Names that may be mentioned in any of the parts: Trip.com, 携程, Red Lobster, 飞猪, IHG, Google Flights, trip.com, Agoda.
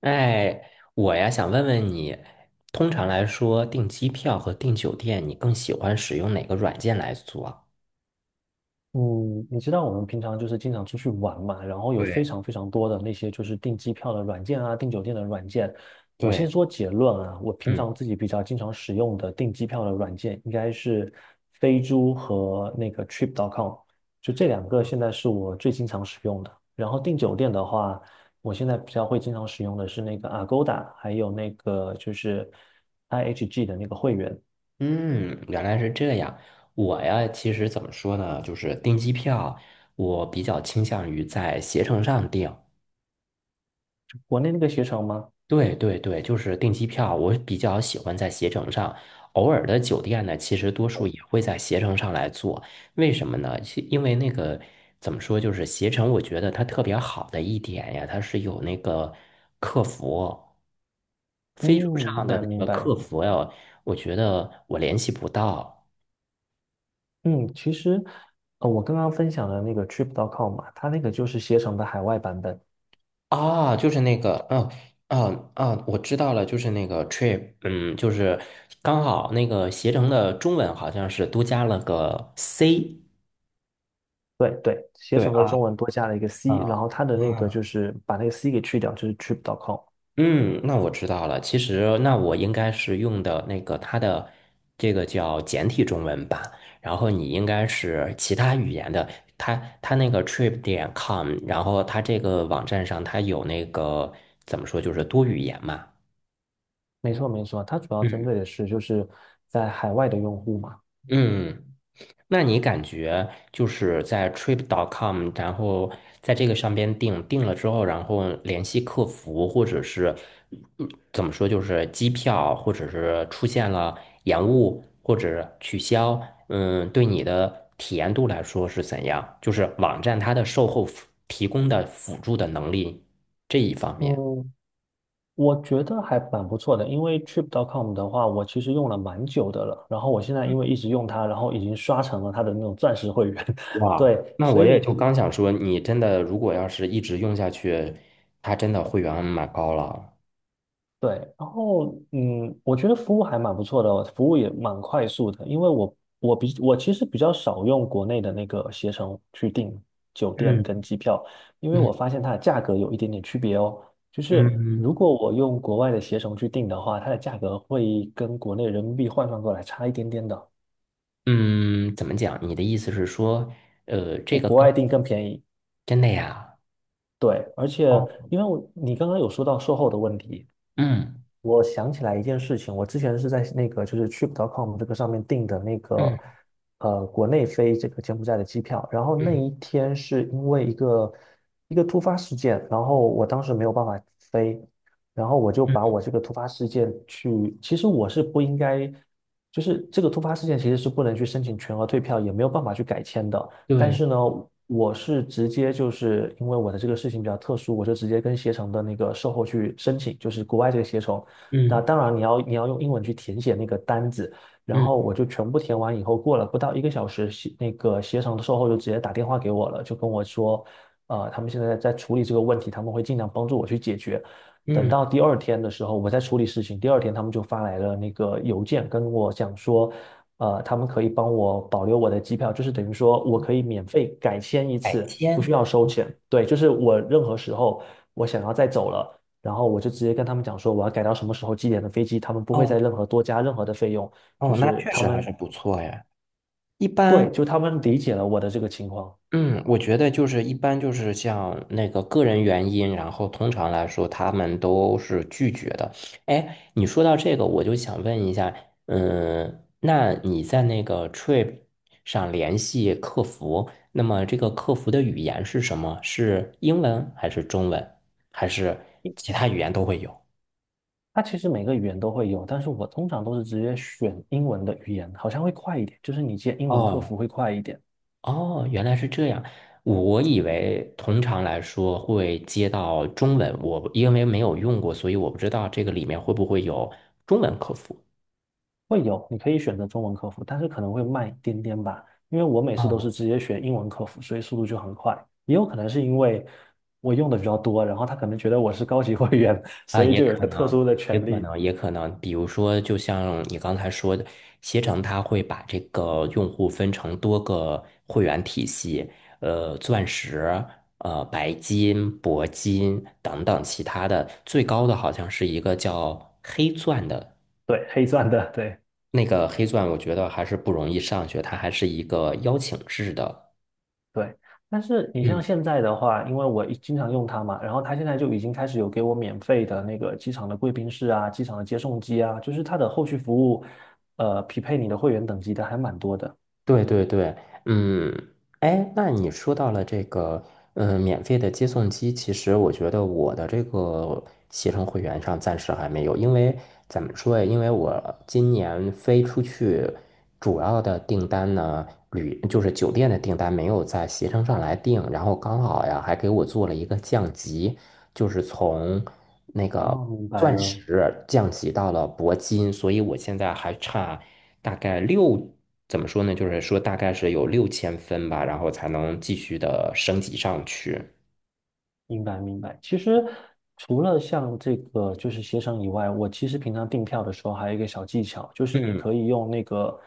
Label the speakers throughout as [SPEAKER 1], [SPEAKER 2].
[SPEAKER 1] 哎，我呀想问问你，通常来说，订机票和订酒店，你更喜欢使用哪个软件来做？
[SPEAKER 2] 嗯，你知道我们平常就是经常出去玩嘛，然后有非
[SPEAKER 1] 对
[SPEAKER 2] 常非常多的那些就是订机票的软件啊，订酒店的软件。我
[SPEAKER 1] 对，
[SPEAKER 2] 先说结论啊，我平
[SPEAKER 1] 嗯
[SPEAKER 2] 常自己比较经常使用的订机票的软件应该是飞猪和那个 Trip.com,就这两个现在是我最经常使用的。然后订酒店的话，我现在比较会经常使用的是那个 Agoda,还有那个就是 IHG 的那个会员。
[SPEAKER 1] 嗯，原来是这样。我呀，其实怎么说呢，就是订机票，我比较倾向于在携程上订。
[SPEAKER 2] 国内那个携程吗？
[SPEAKER 1] 对对对，就是订机票，我比较喜欢在携程上。偶尔的酒店呢，其实多数也会在携程上来做。为什么呢？其因为那个怎么说，就是携程，我觉得它特别好的一点呀，它是有那个客服，
[SPEAKER 2] 嗯，
[SPEAKER 1] 飞猪上
[SPEAKER 2] 明
[SPEAKER 1] 的
[SPEAKER 2] 白明
[SPEAKER 1] 那个客
[SPEAKER 2] 白。
[SPEAKER 1] 服呀，我觉得我联系不到
[SPEAKER 2] 嗯，其实，我刚刚分享的那个 Trip.com 嘛，它那个就是携程的海外版本。
[SPEAKER 1] 啊，就是那个，嗯、啊啊，我知道了，就是那个 trip，嗯，就是刚好那个携程的中文好像是多加了个 C，
[SPEAKER 2] 对对，携
[SPEAKER 1] 对
[SPEAKER 2] 程的
[SPEAKER 1] 啊
[SPEAKER 2] 中文多加了一个
[SPEAKER 1] 啊
[SPEAKER 2] C,然后它的那个就
[SPEAKER 1] 啊，
[SPEAKER 2] 是把那个 C 给去掉，就是 Trip.com。
[SPEAKER 1] 嗯，那我知道了。其实，那我应该是用的那个它的这个叫简体中文版，然后你应该是其他语言的。它它那个 trip 点 com，然后它这个网站上它有那个怎么说，就是多语言嘛。
[SPEAKER 2] 没错没错，它主要针
[SPEAKER 1] 嗯
[SPEAKER 2] 对的是就是在海外的用户嘛。
[SPEAKER 1] 嗯。那你感觉就是在 trip.com，然后在这个上边订了之后，然后联系客服，或者是嗯怎么说，就是机票，或者是出现了延误或者取消，对你的体验度来说是怎样？就是网站它的售后服提供的辅助的能力这一方面。
[SPEAKER 2] 嗯，我觉得还蛮不错的，因为 Trip.com 的话，我其实用了蛮久的了，然后我现在因为一直用它，然后已经刷成了它的那种钻石会员。
[SPEAKER 1] 哇，
[SPEAKER 2] 对，
[SPEAKER 1] 那
[SPEAKER 2] 所
[SPEAKER 1] 我也
[SPEAKER 2] 以
[SPEAKER 1] 就刚想说，你真的如果要是一直用下去，它真的会员蛮高了。
[SPEAKER 2] 对，然后我觉得服务还蛮不错的哦，服务也蛮快速的，因为我其实比较少用国内的那个携程去订酒店跟
[SPEAKER 1] 嗯。
[SPEAKER 2] 机票，因为我
[SPEAKER 1] 嗯
[SPEAKER 2] 发现它的价格有一点点区别哦。就是
[SPEAKER 1] 嗯
[SPEAKER 2] 如果我用国外的携程去订的话，它的价格会跟国内人民币换算过来差一点点的，
[SPEAKER 1] 嗯，怎么讲？你的意思是说，这
[SPEAKER 2] 我
[SPEAKER 1] 个
[SPEAKER 2] 国
[SPEAKER 1] 更
[SPEAKER 2] 外订更便宜。
[SPEAKER 1] 真的呀？
[SPEAKER 2] 对，而且
[SPEAKER 1] 哦，
[SPEAKER 2] 因为你刚刚有说到售后的问题。
[SPEAKER 1] 嗯
[SPEAKER 2] 我想起来一件事情，我之前是在那个就是 Trip.com 这个上面订的那个
[SPEAKER 1] 嗯
[SPEAKER 2] 国内飞这个柬埔寨的机票，然后那
[SPEAKER 1] 嗯
[SPEAKER 2] 一天是因为一个突发事件，然后我当时没有办法飞，然后我就把
[SPEAKER 1] 嗯，
[SPEAKER 2] 我这个突发事件去，其实我是不应该，就是这个突发事件其实是不能去申请全额退票，也没有办法去改签的，但
[SPEAKER 1] 对，
[SPEAKER 2] 是呢，我是直接就是因为我的这个事情比较特殊，我就直接跟携程的那个售后去申请，就是国外这个携程。那
[SPEAKER 1] 嗯
[SPEAKER 2] 当然你要用英文去填写那个单子，然
[SPEAKER 1] 嗯
[SPEAKER 2] 后我就全部填完以后，过了不到一个小时，携那个携程的售后就直接打电话给我了，就跟我说，他们现在在处理这个问题，他们会尽量帮助我去解决。等
[SPEAKER 1] 嗯，
[SPEAKER 2] 到第二天的时候，我在处理事情。第二天，他们就发来了那个邮件，跟我讲说，他们可以帮我保留我的机票，就是等于说我可以免费改签一
[SPEAKER 1] 海
[SPEAKER 2] 次，不需
[SPEAKER 1] 鲜，
[SPEAKER 2] 要收钱。对，就是我任何时候我想要再走了，然后我就直接跟他们讲说我要改到什么时候几点的飞机，他们不会再
[SPEAKER 1] 哦
[SPEAKER 2] 任何多加任何的费用，就
[SPEAKER 1] 哦，那
[SPEAKER 2] 是
[SPEAKER 1] 确
[SPEAKER 2] 他
[SPEAKER 1] 实还
[SPEAKER 2] 们
[SPEAKER 1] 是不错呀。一
[SPEAKER 2] 对，
[SPEAKER 1] 般
[SPEAKER 2] 就他们理解了我的这个情况。
[SPEAKER 1] 嗯，我觉得就是一般就是像那个个人原因，然后通常来说他们都是拒绝的。哎，你说到这个，我就想问一下，那你在那个 Trip 上联系客服，那么这个客服的语言是什么？是英文还是中文，还是其他语言都会有？
[SPEAKER 2] 它其实每个语言都会有，但是我通常都是直接选英文的语言，好像会快一点，就是你接英文客
[SPEAKER 1] 哦
[SPEAKER 2] 服会快一点。
[SPEAKER 1] 哦，原来是这样。我以为通常来说会接到中文，我因为没有用过，所以我不知道这个里面会不会有中文客服。
[SPEAKER 2] 会有，你可以选择中文客服，但是可能会慢一点点吧，因为我每次都
[SPEAKER 1] 啊
[SPEAKER 2] 是直接选英文客服，所以速度就很快。也有可能是因为我用的比较多，然后他可能觉得我是高级会员，
[SPEAKER 1] 啊，
[SPEAKER 2] 所以
[SPEAKER 1] 也
[SPEAKER 2] 就有一
[SPEAKER 1] 可
[SPEAKER 2] 个特
[SPEAKER 1] 能，
[SPEAKER 2] 殊的
[SPEAKER 1] 也
[SPEAKER 2] 权
[SPEAKER 1] 可
[SPEAKER 2] 利，
[SPEAKER 1] 能，也可能。比如说，就像你刚才说的，携程它会把这个用户分成多个会员体系，钻石、白金、铂金等等其他的，最高的好像是一个叫黑钻的。
[SPEAKER 2] 对，黑钻的，对
[SPEAKER 1] 那个黑钻，我觉得还是不容易上去，它还是一个邀请制的。
[SPEAKER 2] 对。但是你像
[SPEAKER 1] 嗯，
[SPEAKER 2] 现在的话，因为我一经常用它嘛，然后它现在就已经开始有给我免费的那个机场的贵宾室啊、机场的接送机啊，就是它的后续服务，匹配你的会员等级的还蛮多的。
[SPEAKER 1] 对对对，嗯，哎，那你说到了这个，免费的接送机，其实我觉得我的这个携程会员上暂时还没有，因为怎么说呀？因为我今年飞出去主要的订单呢，就是酒店的订单没有在携程上来订，然后刚好呀还给我做了一个降级。就是从那个
[SPEAKER 2] 哦，明白
[SPEAKER 1] 钻
[SPEAKER 2] 了。
[SPEAKER 1] 石降级到了铂金，所以我现在还差大概怎么说呢？就是说大概是有6000分吧，然后才能继续的升级上去。
[SPEAKER 2] 明白明白。其实除了像这个就是协商以外，我其实平常订票的时候还有一个小技巧，就是你
[SPEAKER 1] 嗯
[SPEAKER 2] 可以用那个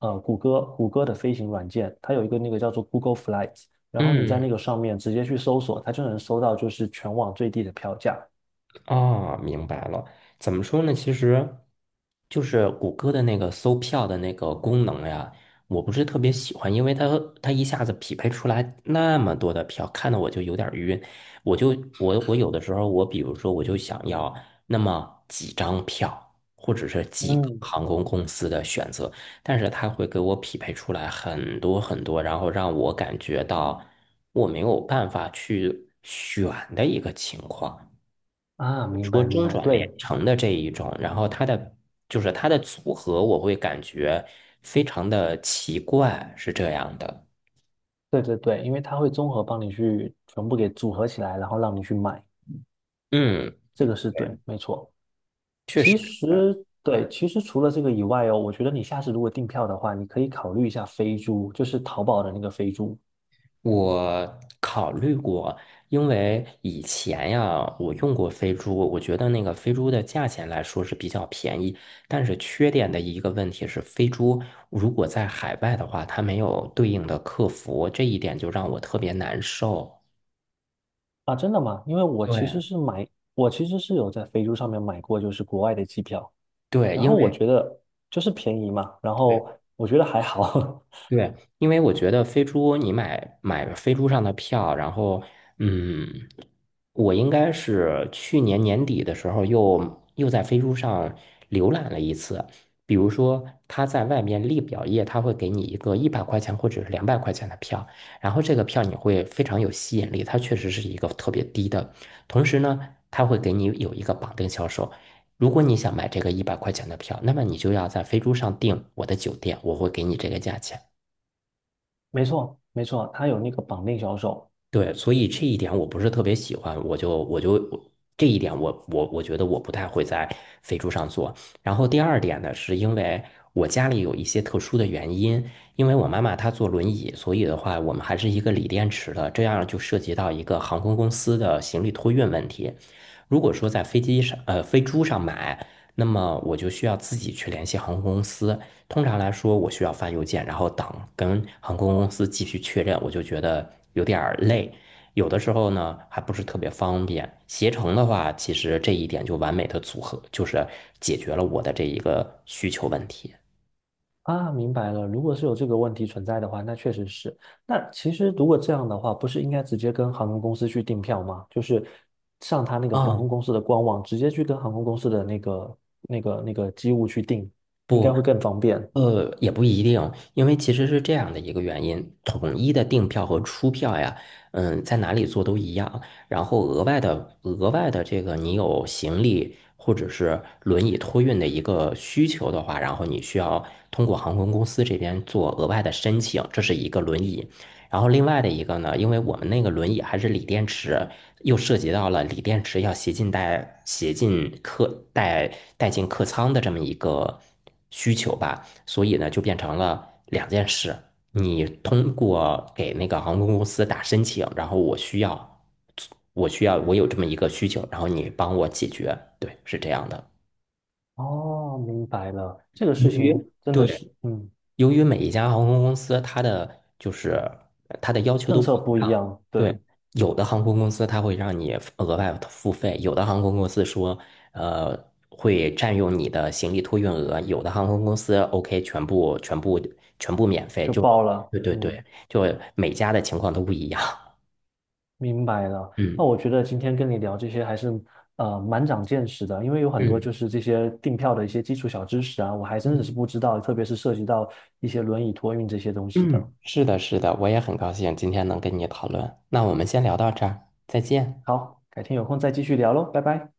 [SPEAKER 2] 谷歌的飞行软件，它有一个那个叫做 Google Flights,然后你在
[SPEAKER 1] 嗯。
[SPEAKER 2] 那个上面直接去搜索，它就能搜到就是全网最低的票价。
[SPEAKER 1] 啊，明白了。怎么说呢？其实就是谷歌的那个搜票的那个功能呀，我不是特别喜欢，因为它一下子匹配出来那么多的票，看得我就有点儿晕。我就我我有的时候，我比如说我就想要那么几张票，或者是几个
[SPEAKER 2] 嗯，
[SPEAKER 1] 航空公司的选择，但是它会给我匹配出来很多很多，然后让我感觉到我没有办法去选的一个情况。
[SPEAKER 2] 啊，明
[SPEAKER 1] 说
[SPEAKER 2] 白明
[SPEAKER 1] 中
[SPEAKER 2] 白，
[SPEAKER 1] 转连
[SPEAKER 2] 对
[SPEAKER 1] 城的这一种，然后它的组合，我会感觉非常的奇怪，是这样的。
[SPEAKER 2] 对对对，因为它会综合帮你去全部给组合起来，然后让你去买，
[SPEAKER 1] 嗯，
[SPEAKER 2] 这个是对，没错。
[SPEAKER 1] 确
[SPEAKER 2] 其
[SPEAKER 1] 实，
[SPEAKER 2] 实对，其实除了这个以外哦，我觉得你下次如果订票的话，你可以考虑一下飞猪，就是淘宝的那个飞猪
[SPEAKER 1] 我考虑过，因为以前呀，我用过飞猪，我觉得那个飞猪的价钱来说是比较便宜，但是缺点的一个问题是，飞猪如果在海外的话，它没有对应的客服，这一点就让我特别难受。
[SPEAKER 2] 啊，真的吗？因为
[SPEAKER 1] 对
[SPEAKER 2] 我其实是有在飞猪上面买过，就是国外的机票，
[SPEAKER 1] 对，
[SPEAKER 2] 然后我觉得就是便宜嘛，然
[SPEAKER 1] 对
[SPEAKER 2] 后我觉得还好，
[SPEAKER 1] 对，因为我觉得飞猪，你买飞猪上的票，然后，嗯，我应该是去年年底的时候又在飞猪上浏览了一次。比如说，他在外面立表页，他会给你一个一百块钱或者是200块钱的票，然后这个票你会非常有吸引力，它确实是一个特别低的。同时呢，他会给你有一个绑定销售。如果你想买这个一百块钱的票，那么你就要在飞猪上订我的酒店，我会给你这个价钱。
[SPEAKER 2] 没错没错，它有那个绑定销售，
[SPEAKER 1] 对，所以这一点我不是特别喜欢，我这一点我觉得我不太会在飞猪上做。然后第二点呢，是因为我家里有一些特殊的原因，因为我妈妈她坐轮椅，所以的话我们还是一个锂电池的，这样就涉及到一个航空公司的行李托运问题。如果说在飞猪上买，那么我就需要自己去联系航空公司，通常来说，我需要发邮件，然后等跟航空公司继续确认，我就觉得有点儿累。有的时候呢，还不是特别方便。携程的话，其实这一点就完美的组合，就是解决了我的这一个需求问题。
[SPEAKER 2] 啊，明白了。如果是有这个问题存在的话，那确实是。那其实如果这样的话，不是应该直接跟航空公司去订票吗？就是上他那个航
[SPEAKER 1] 啊，
[SPEAKER 2] 空公司的官网，直接去跟航空公司的那个机务去订，应该
[SPEAKER 1] 不，
[SPEAKER 2] 会更方便。
[SPEAKER 1] 也不一定，因为其实是这样的一个原因，统一的订票和出票呀，在哪里做都一样。然后额外的这个，你有行李或者是轮椅托运的一个需求的话，然后你需要通过航空公司这边做额外的申请，这是一个轮椅。然后另外的一个呢，因为我们那个轮椅还是锂电池，又涉及到了锂电池要携进带、携进客带带进客舱的这么一个需求吧。所以呢，就变成了两件事：你通过给那个航空公司打申请，然后我需要，我有这么一个需求，然后你帮我解决。对，是这样的。
[SPEAKER 2] 哦，明白了。这个
[SPEAKER 1] 嗯
[SPEAKER 2] 事情真的
[SPEAKER 1] 对，
[SPEAKER 2] 是，嗯，
[SPEAKER 1] 由于每一家航空公司它的要求
[SPEAKER 2] 政
[SPEAKER 1] 都不
[SPEAKER 2] 策
[SPEAKER 1] 一
[SPEAKER 2] 不一
[SPEAKER 1] 样，
[SPEAKER 2] 样，
[SPEAKER 1] 对，
[SPEAKER 2] 对，
[SPEAKER 1] 有的航空公司它会让你额外付费，有的航空公司说，呃，会占用你的行李托运额，有的航空公司 OK 全部全部全部免费，
[SPEAKER 2] 就
[SPEAKER 1] 就
[SPEAKER 2] 报了。
[SPEAKER 1] 对对对，
[SPEAKER 2] 嗯。
[SPEAKER 1] 就每家的情况都不一样。
[SPEAKER 2] 明白了，那
[SPEAKER 1] 嗯
[SPEAKER 2] 我觉得今天跟你聊这些还是蛮长见识的，因为有很多
[SPEAKER 1] 嗯
[SPEAKER 2] 就是这些订票的一些基础小知识啊，我还真的
[SPEAKER 1] 嗯
[SPEAKER 2] 是不知道，特别是涉及到一些轮椅托运这些东西的。
[SPEAKER 1] 嗯，是的，是的，我也很高兴今天能跟你讨论。那我们先聊到这儿，再见。
[SPEAKER 2] 好，改天有空再继续聊喽，拜拜。